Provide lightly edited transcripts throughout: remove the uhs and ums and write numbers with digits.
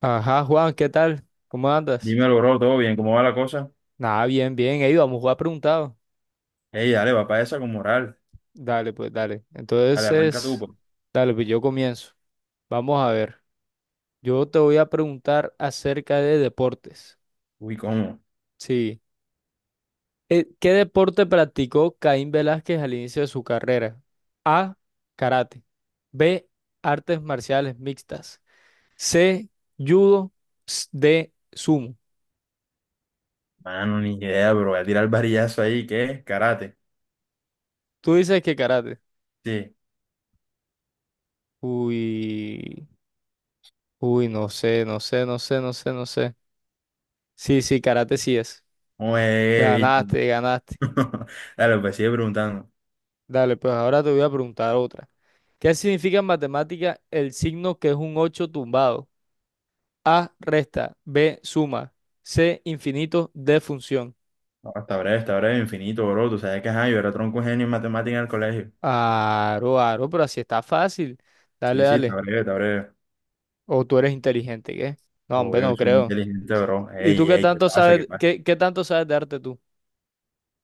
Ajá, Juan, ¿qué tal? ¿Cómo andas? Dímelo, bro, todo bien, ¿cómo va la cosa? Nada, bien, bien. Ey, vamos a jugar preguntado. Ey, dale, va para esa con moral. Dale, pues, dale. Dale, arranca tú, Entonces, pues. dale, pues yo comienzo. Vamos a ver. Yo te voy a preguntar acerca de deportes. Uy, ¿cómo? Sí. ¿Qué deporte practicó Caín Velázquez al inicio de su carrera? A, karate. B, artes marciales mixtas. C, judo. D, sumo. Mano, ni idea, bro. Voy a tirar el varillazo ahí, ¿qué es? Karate. Tú dices que karate. Sí. Uy, uy, no sé, no sé, no sé, no sé, no sé. Sí, sí, karate sí es. Oye, viste. Ganaste, ganaste. Dale, pues sigue preguntando. Dale, pues ahora te voy a preguntar otra. ¿Qué significa en matemática el signo que es un 8 tumbado? A, resta. B, suma. C, infinito. D, función. No, está breve, infinito, bro. Tú sabes que ajá, yo era tronco genio en matemática en el colegio. Aro, aro, pero así está fácil. Dale, Sí, sí, está dale. breve, está breve. O tú eres inteligente, ¿qué? No, hombre, Obvio, yo no soy muy creo. inteligente, bro. ¿Y tú Ey, qué ey, ¿qué tanto pasa? ¿Qué sabes, pasa? qué tanto sabes de arte tú?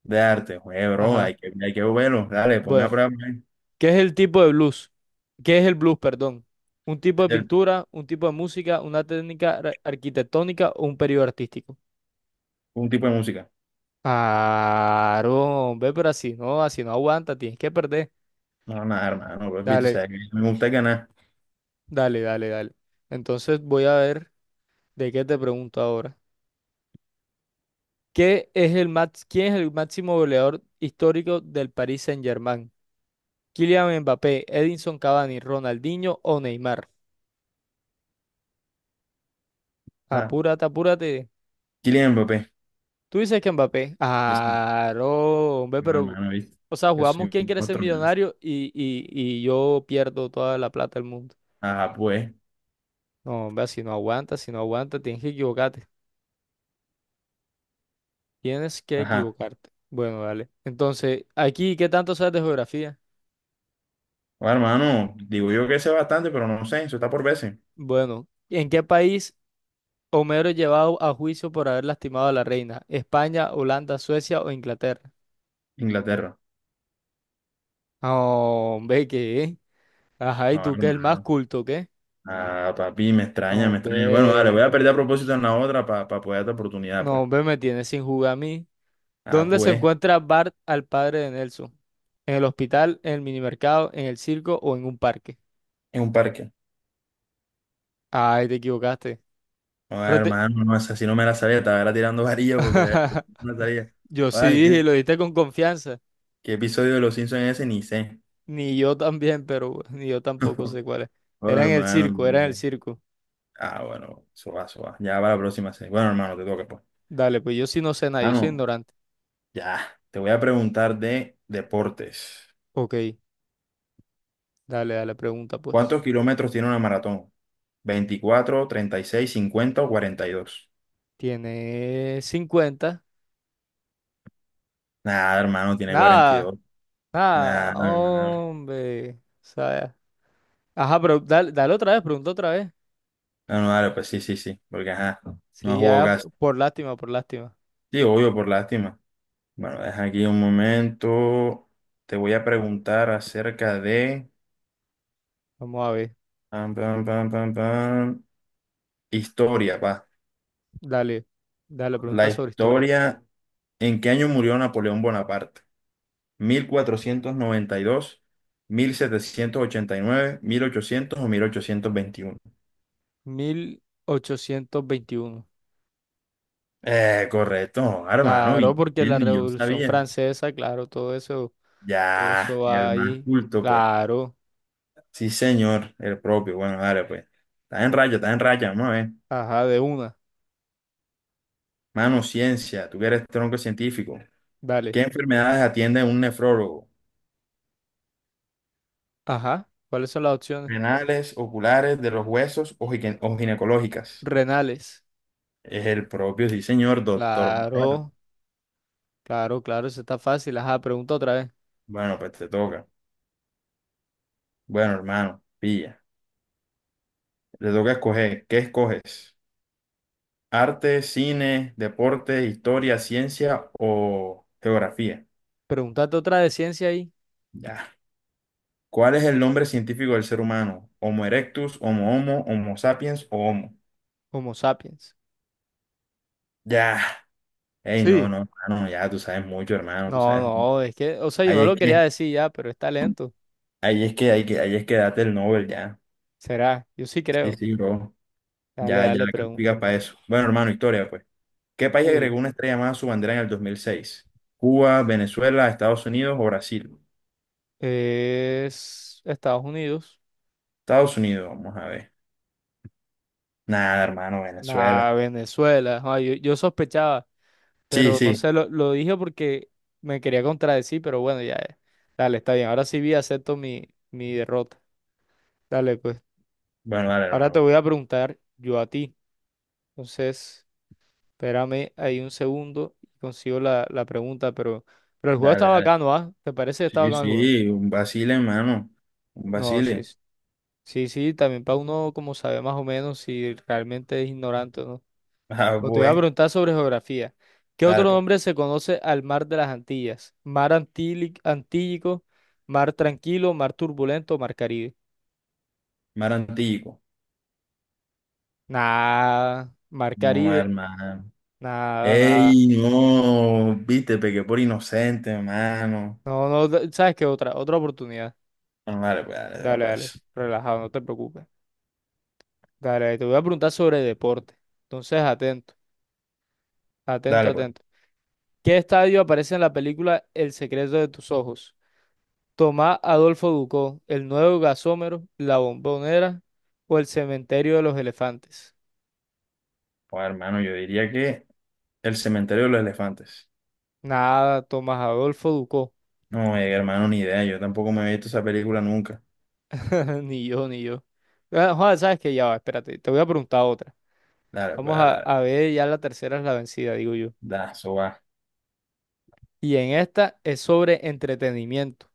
De arte, oye, bro, Ajá, hay que verlo. Dale, ponme a bueno. prueba pues, ¿Qué es el tipo de blues? ¿Qué es el blues, perdón? ¿Un tipo de el- pintura, un tipo de música, una técnica arquitectónica o un periodo artístico? un tipo de música. Claro, ve, pero así no aguanta, tienes que perder. No, nada, hermano, bro. Tú Dale, sabes que a mí me gusta ganar. dale, dale, dale. Entonces voy a ver de qué te pregunto ahora. ¿Qué es el max- ¿Quién es el máximo goleador histórico del Paris Saint-Germain? ¿Kylian Mbappé, Edinson Cavani, Ronaldinho o Neymar? Apúrate, apúrate. Kylian Mbappé. Tú dices que Mbappé. Ya está. Ah, no, hombre, No, pero. hermano, ¿viste? O sea, Yo soy jugamos quién un quiere ser monstruo, man. millonario y yo pierdo toda la plata del mundo. Ah, pues. No, hombre, si no aguantas, si no aguantas, tienes que equivocarte. Tienes que Ajá. equivocarte. Bueno, dale. Entonces, aquí, ¿qué tanto sabes de geografía? No, hermano, digo yo que sé bastante, pero no sé. Eso está por veces. Bueno, ¿en qué país Homero es llevado a juicio por haber lastimado a la reina? ¿España, Holanda, Suecia o Inglaterra? Inglaterra. No, hombre, ¿qué? Ajá, ¿y Ah, tú que es el más hermano. culto, qué? Ah, papi, me No, extraña, me extraña. Bueno, dale, hombre. voy a perder a propósito en la otra para poder darte oportunidad, No, pues. hombre, me tienes sin jugar a mí. Ah, ¿Dónde se pues. encuentra Bart al padre de Nelson? ¿En el hospital, en el minimercado, en el circo o en un parque? En un parque. Ay, te equivocaste. No, Pero te- hermano, no, esa sí no me la sabía. Estaba era tirando varillas porque de verdad no me la sabía. Yo sí Ay, dije, ¿qué, lo dijiste con confianza. qué episodio de Los Simpsons es ese? Ni sé. Ni yo también, pero ni yo tampoco sé cuál es. Oh, Era en el hermano. circo, era en el circo. Ah, bueno, eso va, eso va. Ya va la próxima serie. Bueno, hermano, te toca, pues. Dale, pues yo sí no sé nada, Ah, yo soy no, ignorante. ya. Te voy a preguntar de deportes. Ok, dale, dale, pregunta pues. ¿Cuántos kilómetros tiene una maratón? 24, 36, 50 o 42. Tiene 50. Nada, hermano, tiene cuarenta y Nada, dos. nada, Nada, hermano. hombre. O sea, ajá, pero dale, dale otra vez, pregunta otra vez. No, no, dale, pues sí, sí, sí. Porque, ajá, no Sí, jugó casi. por lástima, por lástima. Sí, obvio, por lástima. Bueno, deja aquí un momento. Te voy a preguntar acerca de... Vamos a ver. pam, pam, pam, pam, pam, historia, va. Dale, dale, La pregunta sobre historia. historia. ¿En qué año murió Napoleón Bonaparte? Mil cuatrocientos noventa y dos, 1789, 1800 o 1821? 1821. Correcto, hermano, Claro, y porque la quién ni yo Revolución sabía. Francesa, claro, todo eso Ya, el va más ahí. culto, pues. Claro, Sí, señor, el propio. Bueno, dale, pues. Está en raya, vamos a ver. ajá, de una. Mano, ciencia, tú que eres tronco científico. Dale, ¿Qué enfermedades atiende un nefrólogo? ajá. ¿Cuáles son las opciones? ¿Renales, oculares, de los huesos o o ginecológicas? Renales. Es el propio, sí, señor, doctor. Claro, claro, claro, eso está fácil. Ajá, pregunta otra vez. Bueno, pues te toca. Bueno, hermano, pilla. Te toca escoger. ¿Qué escoges? ¿Arte, cine, deporte, historia, ciencia o geografía? Pregúntate otra de ciencia ahí. Ya. ¿Cuál es el nombre científico del ser humano? ¿Homo erectus, Homo homo, Homo sapiens o Homo? Homo sapiens. Ya. Ey, no, Sí. no, hermano, ya tú sabes mucho, hermano, tú No, sabes mucho. no, es que, o sea, yo Ahí no es lo quería que, decir ya, pero está lento. ahí es que, ahí es que date el Nobel, ya. Será, yo sí Sí, creo. sí, bro. Dale, Ya, ya dale, pregunta. calificas para eso. Bueno, hermano, historia, pues. ¿Qué país agregó Uy, una estrella más a su bandera en el 2006? ¿Cuba, Venezuela, Estados Unidos o Brasil? es Estados Unidos. Estados Unidos, vamos a ver. Nada, hermano, Nah, Venezuela. Venezuela. Ah, yo sospechaba, Sí, pero no sí. sé, lo dije porque me quería contradecir, pero bueno, ya. Dale, está bien. Ahora sí vi, acepto mi derrota. Dale, pues. Bueno, dale, Ahora te hermano. voy a preguntar yo a ti. Entonces, espérame ahí un segundo y consigo la pregunta, pero el juego está Dale, dale. bacano, ¿ah? ¿Te parece que está Sí, bacano el juego? sí, un Basile, hermano. Un No, sí, Basile. sí. Sí, sí, también para uno como sabe más o menos si realmente es ignorante o no. Ah, Pero te voy a pues. preguntar sobre geografía. ¿Qué otro Dale, pues. nombre se conoce al mar de las Antillas? Mar Antílico, mar tranquilo, mar turbulento, mar Caribe. Mar Antiguo. Nada, mar No, Caribe, hermano. nada, nada. Ey, no. Viste, pequé por inocente, hermano. No, no, ¿sabes qué? Otra, otra oportunidad. Bueno, dale, Dale, dale, pues. relajado, no te preocupes. Dale, te voy a preguntar sobre deporte. Entonces, atento, atento, Dale, pues. atento. ¿Qué estadio aparece en la película El secreto de tus ojos? Tomás Adolfo Ducó, el nuevo gasómero, la bombonera o el cementerio de los elefantes. Oh, hermano, yo diría que el cementerio de los elefantes. Nada, Tomás Adolfo Ducó. No, hermano, ni idea. Yo tampoco me he visto esa película nunca. Ni yo, ni yo. Ah, joder, sabes que ya va, espérate, te voy a preguntar otra. Dale, pues, Vamos dale, a, dale. a ver, ya la tercera es la vencida, digo yo. Da, eso va. Y en esta es sobre entretenimiento.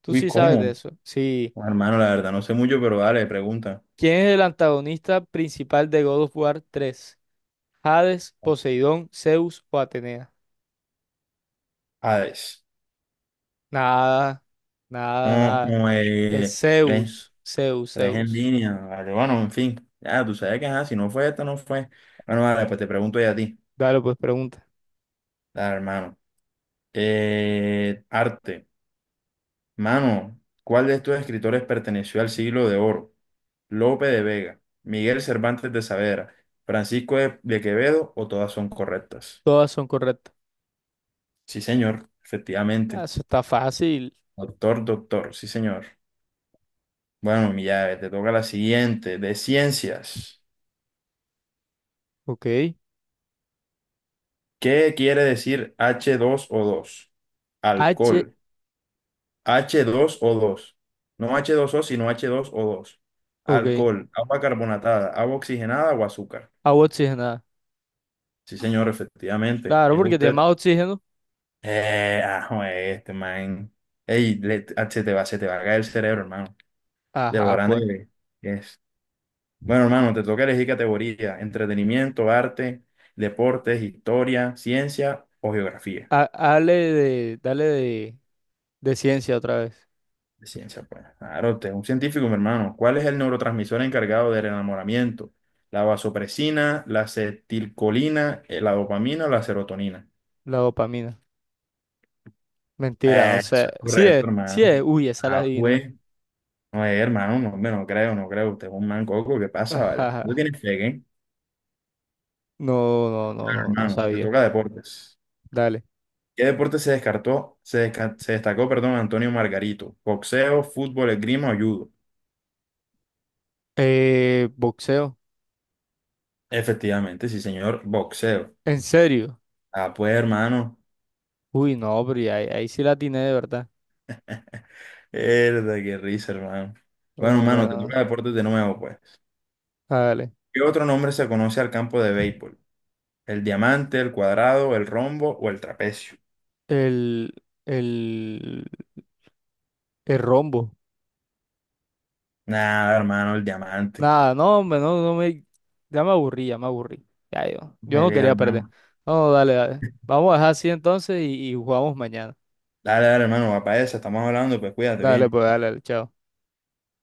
Tú Uy, sí sabes de ¿cómo? eso. Sí. Bueno, hermano, la verdad, no sé mucho, pero dale, pregunta. ¿Quién es el antagonista principal de God of War 3? ¿Hades, Poseidón, Zeus o Atenea? Hades. Nada, nada, No, nada. como Es tres, Zeus, Zeus, tres en Zeus. línea. Vale, bueno, en fin. Ya, tú sabes que ajá, si no fue esta, no fue. Bueno, vale, pues te pregunto ya a ti. Dale, pues pregunta. Dale, hermano. Arte. Mano, ¿cuál de estos escritores perteneció al siglo de oro? Lope de Vega, Miguel Cervantes de Saavedra, Francisco de Quevedo o todas son correctas. Todas son correctas. Sí, señor, Ah, efectivamente. eso está fácil. Doctor, doctor, sí, señor. Bueno, mi llave, te toca la siguiente, de ciencias. Ok. ¿Qué quiere decir H2O2? H, Alcohol. H2O2. No H2O sino H2O2. ok. Alcohol, agua carbonatada, agua oxigenada o azúcar. Agua oxigenada. Sí, señor, efectivamente. Claro, Es porque tiene usted. más oxígeno. Ah, joder, este man. Ey, ah, se te va a caer el cerebro, hermano. De lo Ajá, pues. grande que es. Bueno, hermano, te toca elegir categoría: entretenimiento, arte, deportes, historia, ciencia o geografía. Dale de ciencia otra vez. De ciencia, pues. Claro, usted es un científico, mi hermano. ¿Cuál es el neurotransmisor encargado del enamoramiento? ¿La vasopresina, la acetilcolina, la dopamina o la serotonina? La dopamina. Mentira, no Eso sé. es Sí correcto, es, hermano. sí es. Uy, esa la Ah, adiviné. pues. No, hermano, no, hombre, no creo, no creo. Usted es un man coco, ¿qué pasa, vale? No Ajá. tienes fe, ¿eh? No, no, no, no, no Hermano, te sabía. toca deportes. Dale. ¿Qué deporte se descartó, se, desca- se destacó, perdón, Antonio Margarito? ¿Boxeo, fútbol, esgrima o judo? Boxeo. Efectivamente, sí, señor, boxeo. ¿En serio? Ah, pues, hermano. Uy, no, pero ahí, ahí sí la atiné de verdad. Mierda, qué risa, hermano. Bueno, Oh, hermano, te toca bueno. deportes de nuevo, pues. Dale. ¿Qué otro nombre se conoce al campo de béisbol? ¿El diamante, el cuadrado, el rombo o el trapecio? El, el, el rombo. Nada, hermano, el diamante. Nada, no, hombre, no, no me. Ya me aburrí, ya me aburrí. Ya yo. Yo Me no ve, quería perder. hermano. No, dale, dale. Vamos a dejar así entonces y jugamos mañana. Dale, dale, hermano, va para esa, estamos hablando, pues cuídate Dale, bien. pues, dale, dale, chao.